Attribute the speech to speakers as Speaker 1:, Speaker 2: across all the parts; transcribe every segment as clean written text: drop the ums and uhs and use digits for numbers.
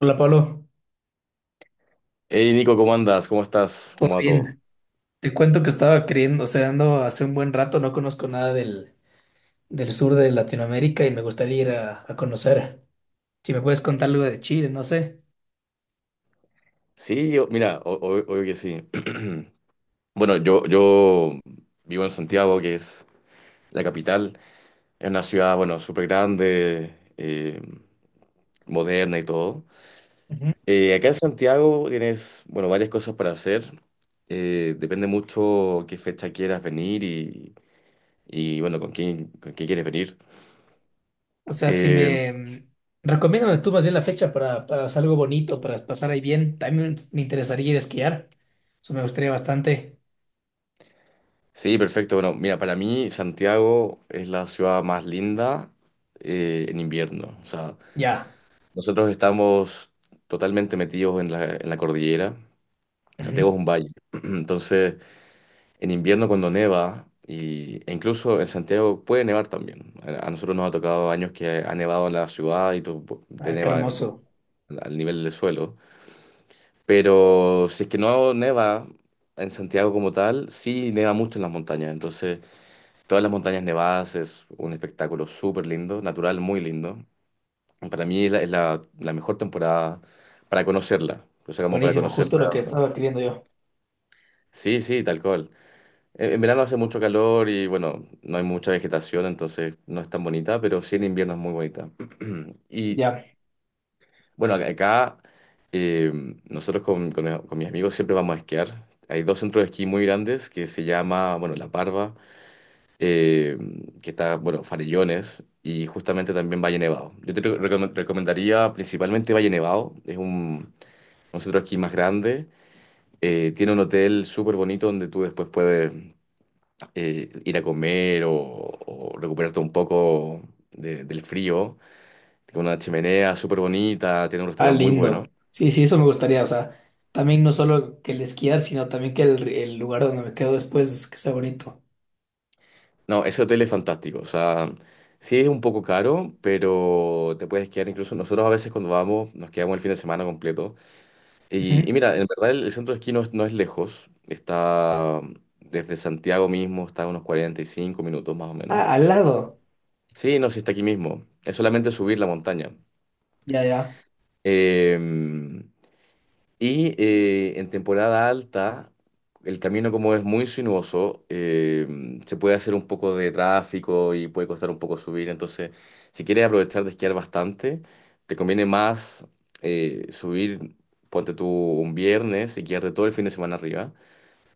Speaker 1: Hola Pablo,
Speaker 2: Hey Nico, ¿cómo andas? ¿Cómo estás?
Speaker 1: ¿todo
Speaker 2: ¿Cómo va todo?
Speaker 1: bien? Te cuento que estaba queriendo, o sea, ando hace un buen rato, no conozco nada del sur de Latinoamérica y me gustaría ir a conocer. Si me puedes contar algo de Chile, no sé.
Speaker 2: Sí, mira, obvio que sí. Bueno, yo vivo en Santiago, que es la capital. Es una ciudad, bueno, súper grande, moderna y todo.
Speaker 1: Ujú.
Speaker 2: Acá en Santiago tienes, bueno, varias cosas para hacer. Depende mucho qué fecha quieras venir y, bueno, con quién quieres venir.
Speaker 1: O sea, si
Speaker 2: Eh,
Speaker 1: me... mm, recomiéndame tú más bien la fecha para hacer algo bonito, para pasar ahí bien. También me interesaría ir a esquiar. Eso me gustaría bastante.
Speaker 2: Sí, perfecto. Bueno, mira, para mí Santiago es la ciudad más linda en invierno. O sea,
Speaker 1: Ya.
Speaker 2: nosotros estamos totalmente metidos en la cordillera. Santiago es
Speaker 1: Ujú.
Speaker 2: un valle. Entonces, en invierno cuando neva, e incluso en Santiago puede nevar también. A nosotros nos ha tocado años que ha nevado en la ciudad y tú, te
Speaker 1: Ah, qué
Speaker 2: neva
Speaker 1: hermoso.
Speaker 2: al nivel del suelo. Pero si es que no neva en Santiago como tal, sí neva mucho en las montañas. Entonces, todas las montañas nevadas es un espectáculo súper lindo, natural, muy lindo. Para mí es la mejor temporada para conocerla. O sea, como para
Speaker 1: Buenísimo, justo
Speaker 2: conocerla.
Speaker 1: lo que estaba queriendo yo.
Speaker 2: Sí, sí, tal cual. En verano hace mucho calor y bueno, no hay mucha vegetación, entonces no es tan bonita, pero sí en invierno es muy bonita. Y
Speaker 1: Ya.
Speaker 2: bueno, acá eh, nosotros con mis amigos siempre vamos a esquiar. Hay dos centros de esquí muy grandes que se llama, bueno, La Parva eh, que está, bueno, Farellones y justamente también Valle Nevado. Yo te recomendaría principalmente Valle Nevado, es un centro de esquí más grande, tiene un hotel súper bonito donde tú después puedes ir a comer o recuperarte un poco del frío, tiene una chimenea súper bonita, tiene un
Speaker 1: Ah,
Speaker 2: restaurante muy bueno.
Speaker 1: lindo. Sí, sí, eso me gustaría. O sea, también no solo que el esquiar, sino también que el lugar donde me quedo después que sea bonito.
Speaker 2: No, ese hotel es fantástico, o sea. Sí, es un poco caro, pero te puedes quedar incluso. Nosotros a veces cuando vamos nos quedamos el fin de semana completo. Y
Speaker 1: Ujú.
Speaker 2: mira, en verdad el centro de esquí no es lejos, está desde Santiago mismo, está a unos 45 minutos más o menos.
Speaker 1: Ah, al lado.
Speaker 2: Sí, no, sí está aquí mismo, es solamente subir la montaña.
Speaker 1: Ya, ya.
Speaker 2: Eh, y en temporada alta, el camino como es muy sinuoso, se puede hacer un poco de tráfico y puede costar un poco subir, entonces si quieres aprovechar de esquiar bastante, te conviene más subir, ponte tú un viernes y quedarte todo el fin de semana arriba.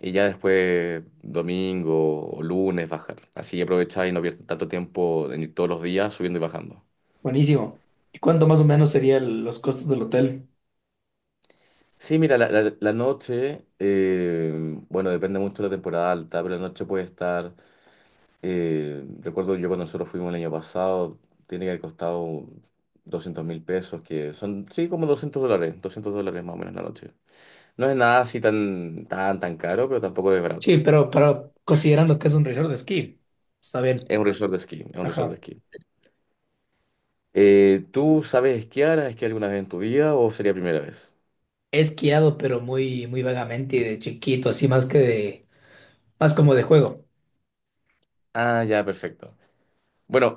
Speaker 2: Y ya después, domingo o lunes, bajar. Así que aprovecháis y no pierdes tanto tiempo en ir todos los días subiendo y bajando.
Speaker 1: Buenísimo. ¿Y cuánto más o menos serían los costos del hotel?
Speaker 2: Sí, mira, la noche, bueno, depende mucho de la temporada alta, pero la noche puede estar, recuerdo yo cuando nosotros fuimos el año pasado, tiene que haber costado 200.000 pesos, que son, sí, como $200, $200 más o menos la noche. No es nada así tan, tan, tan caro, pero tampoco es barato.
Speaker 1: Sí, pero considerando que es un resort de esquí, está bien.
Speaker 2: Es un resort de esquí, es un resort de
Speaker 1: Ajá.
Speaker 2: esquí. ¿Tú sabes esquiar? ¿Has esquiado alguna vez en tu vida o sería primera vez?
Speaker 1: He esquiado, pero muy, muy vagamente y de chiquito, así más como de juego.
Speaker 2: Ah, ya, perfecto. Bueno,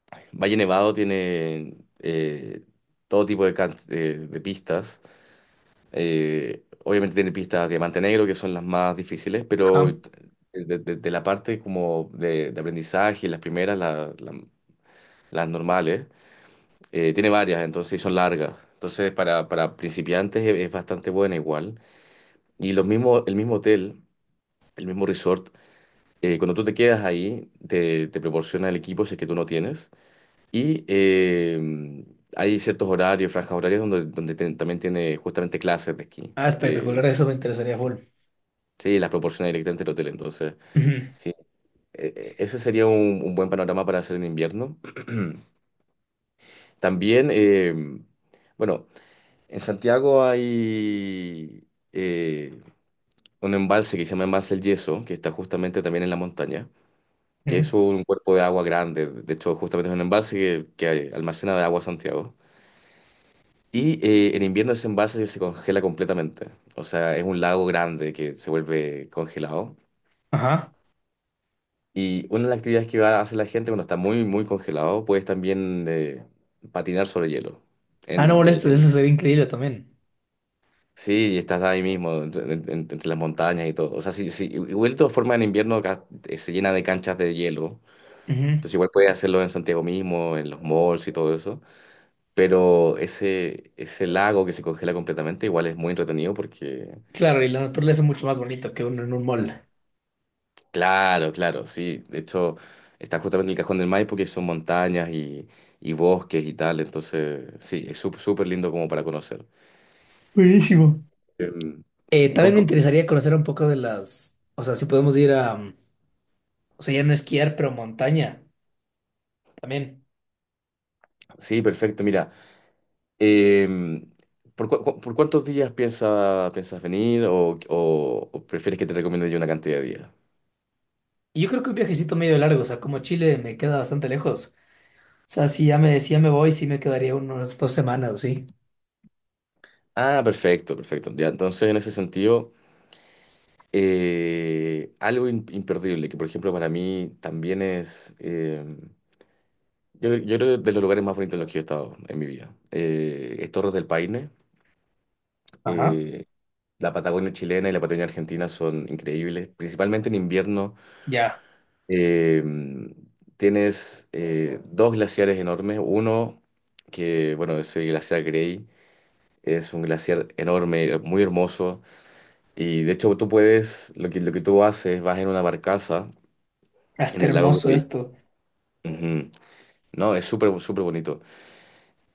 Speaker 2: Valle Nevado tiene todo tipo de pistas. Obviamente tiene pistas Diamante Negro, que son las más difíciles, pero
Speaker 1: Ajá.
Speaker 2: de, de la parte como de aprendizaje, las primeras, las normales, tiene varias, entonces y son largas. Entonces para principiantes es bastante buena igual. Y el mismo hotel, el mismo resort. Cuando tú te quedas ahí, te proporciona el equipo si es que tú no tienes. Y hay ciertos horarios, franjas horarias, también tiene justamente clases de esquí,
Speaker 1: Ah,
Speaker 2: que las,
Speaker 1: espectacular, eso me interesaría full.
Speaker 2: sí, las proporciona directamente el hotel. Entonces,
Speaker 1: Ujú.
Speaker 2: sí, ese sería un buen panorama para hacer en invierno. También, bueno, en Santiago hay eh, un embalse que se llama Embalse El Yeso, que está justamente también en la montaña, que
Speaker 1: Ujú.
Speaker 2: es un cuerpo de agua grande. De hecho justamente es un embalse que almacena de agua Santiago. Y en invierno ese embalse se congela completamente, o sea, es un lago grande que se vuelve congelado.
Speaker 1: Ajá.
Speaker 2: Y una de las actividades que va a hacer la gente cuando está muy, muy congelado, puedes también patinar sobre hielo.
Speaker 1: Ah, no
Speaker 2: En, en-
Speaker 1: molestes,
Speaker 2: en-
Speaker 1: eso sería increíble también.
Speaker 2: sí, y estás ahí mismo, entre las montañas y todo. O sea, sí, sí, igual de todas formas en invierno acá, se llena de canchas de hielo.
Speaker 1: Ujú.
Speaker 2: Entonces igual puedes hacerlo en Santiago mismo, en los malls y todo eso. Pero ese lago que se congela completamente igual es muy entretenido. Porque,
Speaker 1: Claro, y la naturaleza es mucho más bonito que uno en un mall.
Speaker 2: claro, claro, sí. De hecho, está justamente el Cajón del Maipo, que son montañas y bosques y tal. Entonces, sí, es súper lindo como para conocer.
Speaker 1: Buenísimo.
Speaker 2: Em, con-
Speaker 1: También me
Speaker 2: con-
Speaker 1: interesaría conocer un poco o sea, si podemos ir o sea, ya no esquiar, pero montaña también.
Speaker 2: sí, perfecto. Mira, em, por cuántos días piensas venir o, o prefieres que te recomiende yo una cantidad de días?
Speaker 1: Y yo creo que un viajecito medio largo, o sea, como Chile me queda bastante lejos. O sea, si ya me decía me voy, sí me quedaría unas 2 semanas, o ¿sí?
Speaker 2: Ah, perfecto, perfecto. Ya, entonces, en ese sentido. Algo imperdible, que por ejemplo para mí también yo creo que de los lugares más bonitos en los que yo he estado en mi vida, es Torres del Paine.
Speaker 1: Ajá.
Speaker 2: Eh, la Patagonia chilena y la Patagonia argentina son increíbles, principalmente en invierno.
Speaker 1: Ya,
Speaker 2: eh, Tienes dos glaciares enormes, uno que, bueno, es el glaciar Grey, es un glaciar enorme, muy hermoso, y de hecho tú puedes, lo que tú haces, vas en una barcaza en
Speaker 1: hasta
Speaker 2: el lago
Speaker 1: hermoso
Speaker 2: Grey.
Speaker 1: esto.
Speaker 2: Ujú. No, es súper, súper bonito.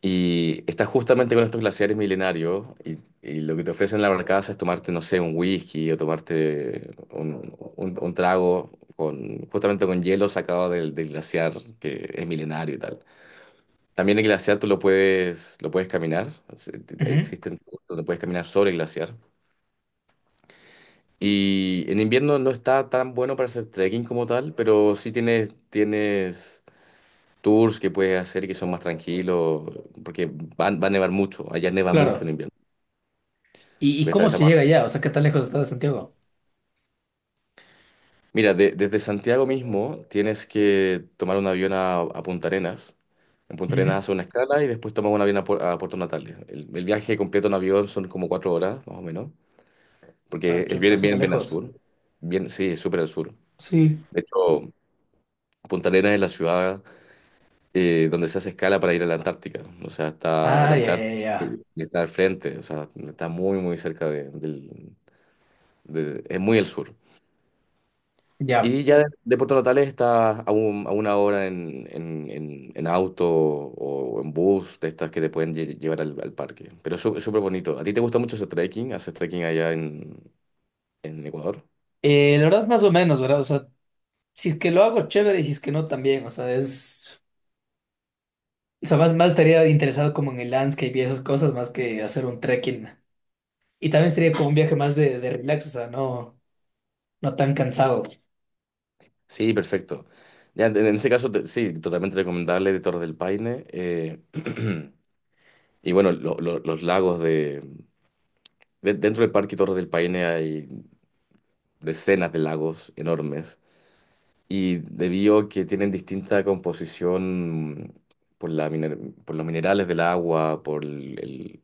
Speaker 2: Y estás justamente con estos glaciares milenarios y lo que te ofrecen en la barcaza es tomarte, no sé, un whisky o tomarte un, un trago justamente con hielo sacado del glaciar que es milenario y tal. También el glaciar tú lo puedes caminar. Es-
Speaker 1: Ujú.
Speaker 2: Existen donde puedes caminar sobre el glaciar. Y en invierno no está tan bueno para hacer trekking como tal, pero sí tienes, tienes tours que puedes hacer que son más tranquilos, porque va a nevar mucho, allá neva mucho en
Speaker 1: Claro.
Speaker 2: invierno.
Speaker 1: ¿Y
Speaker 2: Puedes estar-
Speaker 1: cómo se llega
Speaker 2: estar-
Speaker 1: allá? O sea, ¿qué tan lejos está de Santiago?
Speaker 2: Mira, desde Santiago mismo tienes que tomar un avión a Punta Arenas. En Punta
Speaker 1: Ujú.
Speaker 2: Arenas hace una escala y después tomas un avión a, a Puerto Natales. El viaje completo en avión son como 4 horas, más o menos,
Speaker 1: Ah,
Speaker 2: porque es
Speaker 1: chuta,
Speaker 2: bien,
Speaker 1: así está
Speaker 2: bien, bien al
Speaker 1: lejos.
Speaker 2: sur. Bien, sí, es súper al sur.
Speaker 1: Sí.
Speaker 2: De hecho, Punta Arenas es la ciudad donde se hace escala para ir a la Antártica. O sea, está la
Speaker 1: Ah, ya, ya, ya.
Speaker 2: Antártica
Speaker 1: Ya.
Speaker 2: y está al frente, o sea, está muy, muy cerca es muy al sur.
Speaker 1: Ya.
Speaker 2: Y ya de Puerto Natales está a, a una hora en, en auto o en bus, de estas que te pueden llevar al, al parque. Pero es súper bonito. ¿A ti te gusta mucho ese trekking? ¿Haces trekking allá en Ecuador?
Speaker 1: La verdad, más o menos, ¿verdad? O sea, si es que lo hago chévere y si es que no también, o sea, o sea, más estaría interesado como en el landscape y esas cosas más que hacer un trekking. Y también sería como un viaje más de relax, o sea, no, no tan cansado.
Speaker 2: Sí, perfecto. Ya, en ese caso, sí, totalmente recomendable de Torres del Paine. Y bueno, los lagos dentro del Parque Torres del Paine hay decenas de lagos enormes y debido a que tienen distinta composición, por por los minerales del agua, por el, el-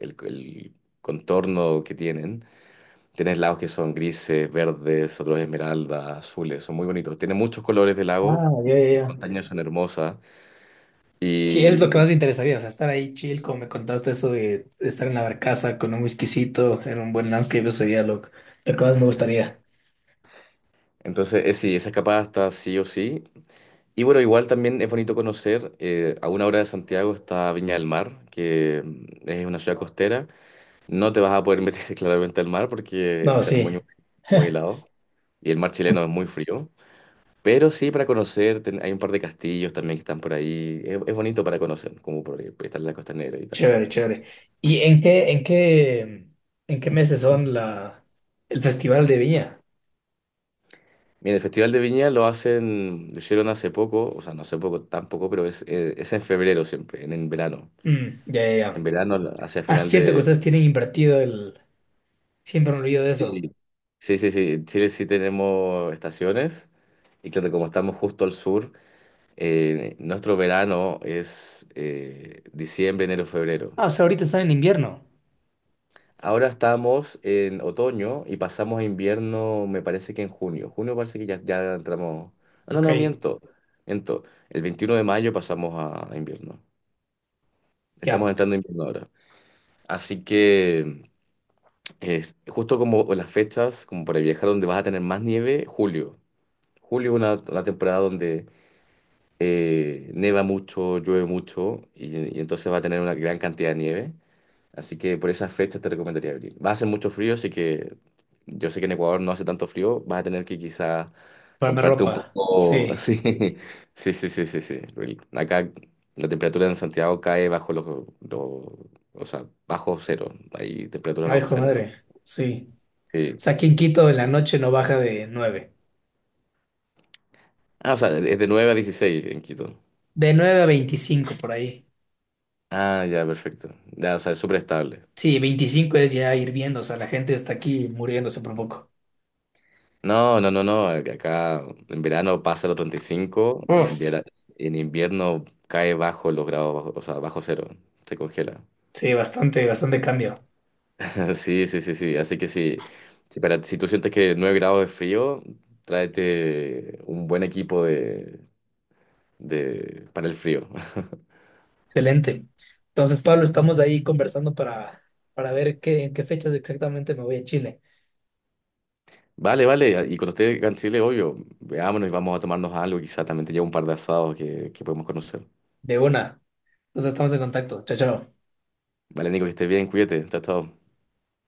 Speaker 2: el- el contorno que tienen, tienes lagos que son grises, verdes, otros esmeraldas, azules, son muy bonitos. Tiene muchos colores de lagos,
Speaker 1: Ah, ya, ya, ya.
Speaker 2: montañas son hermosas
Speaker 1: Sí,
Speaker 2: y,
Speaker 1: es lo que más me interesaría, o sea, estar ahí chill, como me contaste eso de estar en la barcaza con un whiskycito, en un buen landscape, eso sería lo que más me gustaría.
Speaker 2: entonces sí, esa escapada está sí o sí. Y bueno, igual también es bonito conocer, a una hora de Santiago está Viña del Mar, que, es una ciudad costera. No te vas a poder meter claramente al mar porque va a
Speaker 1: No,
Speaker 2: estar
Speaker 1: sí,
Speaker 2: muy, muy helado y el mar chileno es muy frío. Pero sí, para conocer, hay un par de castillos también que están por ahí. Es bonito para conocer, como por estar en la costanera y tal.
Speaker 1: chévere, chévere. ¿Y en qué meses son el festival de Viña?
Speaker 2: Mira, el Festival de Viña lo hacen, lo hicieron hace poco, o sea, no hace poco tampoco, pero es en febrero siempre, en verano.
Speaker 1: Mm, ya, ya,
Speaker 2: En
Speaker 1: ya.
Speaker 2: verano, hacia
Speaker 1: Ah, es
Speaker 2: final.
Speaker 1: cierto que ustedes tienen invertido. Siempre me olvido de eso.
Speaker 2: Sí, sí, sí, sí. En Chile sí tenemos estaciones y claro, como estamos justo al sur, nuestro verano es diciembre, enero, febrero.
Speaker 1: Ah, o sea, ahorita están en invierno.
Speaker 2: Ahora estamos en otoño y pasamos a invierno, me parece que en junio. Junio parece que ya entramos. Ah, no,
Speaker 1: Ok,
Speaker 2: no, miento, miento. El 21 de mayo pasamos a invierno. Estamos
Speaker 1: ya,
Speaker 2: entrando en invierno ahora. Así que es justo como las fechas, como para viajar donde vas a tener más nieve, julio. Julio es una temporada donde neva mucho, llueve mucho y entonces va a tener una gran cantidad de nieve. Así que por esas fechas te recomendaría abril. Va a hacer mucho frío, así que yo sé que en Ecuador no hace tanto frío. Vas a tener que quizá
Speaker 1: ponerme
Speaker 2: comprarte un
Speaker 1: ropa.
Speaker 2: poco
Speaker 1: Sí.
Speaker 2: así. Sí, sí, sí, sí, sí. Will. Acá la temperatura en Santiago cae bajo los, los- o sea, bajo cero. Hay temperaturas
Speaker 1: Ay,
Speaker 2: bajo
Speaker 1: hijo de
Speaker 2: cero. Entonces,
Speaker 1: madre. Sí. O
Speaker 2: sí.
Speaker 1: sea, aquí en Quito en la noche no baja de nueve.
Speaker 2: Ah, o sea, es de 9 a 16 en Quito.
Speaker 1: De 9 a 25 por ahí.
Speaker 2: Ah, ya, perfecto. Ya, o sea, es súper estable.
Speaker 1: Sí, 25 es ya hirviendo. O sea, la gente está aquí muriéndose por poco.
Speaker 2: No, no, no, no. Acá en verano pasa los 35 y
Speaker 1: Uf.
Speaker 2: en invierno cae bajo los grados, o sea, bajo cero. Se congela.
Speaker 1: Sí, bastante, bastante cambio.
Speaker 2: Sí, sí, sí, sí. Así que sí, si, si tú sientes que 9 grados es frío, tráete un buen equipo para el frío.
Speaker 1: Excelente. Entonces, Pablo, estamos ahí conversando para ver en qué fechas exactamente me voy a Chile.
Speaker 2: Vale, vale. Y cuando esté acá en Chile, obvio, veámonos y vamos a tomarnos algo. Quizá también te llevo un par de asados que podemos conocer.
Speaker 1: De una. Entonces, estamos en contacto. Chao, chao.
Speaker 2: Vale, Nico, que estés bien, cuídate. Chao, chao.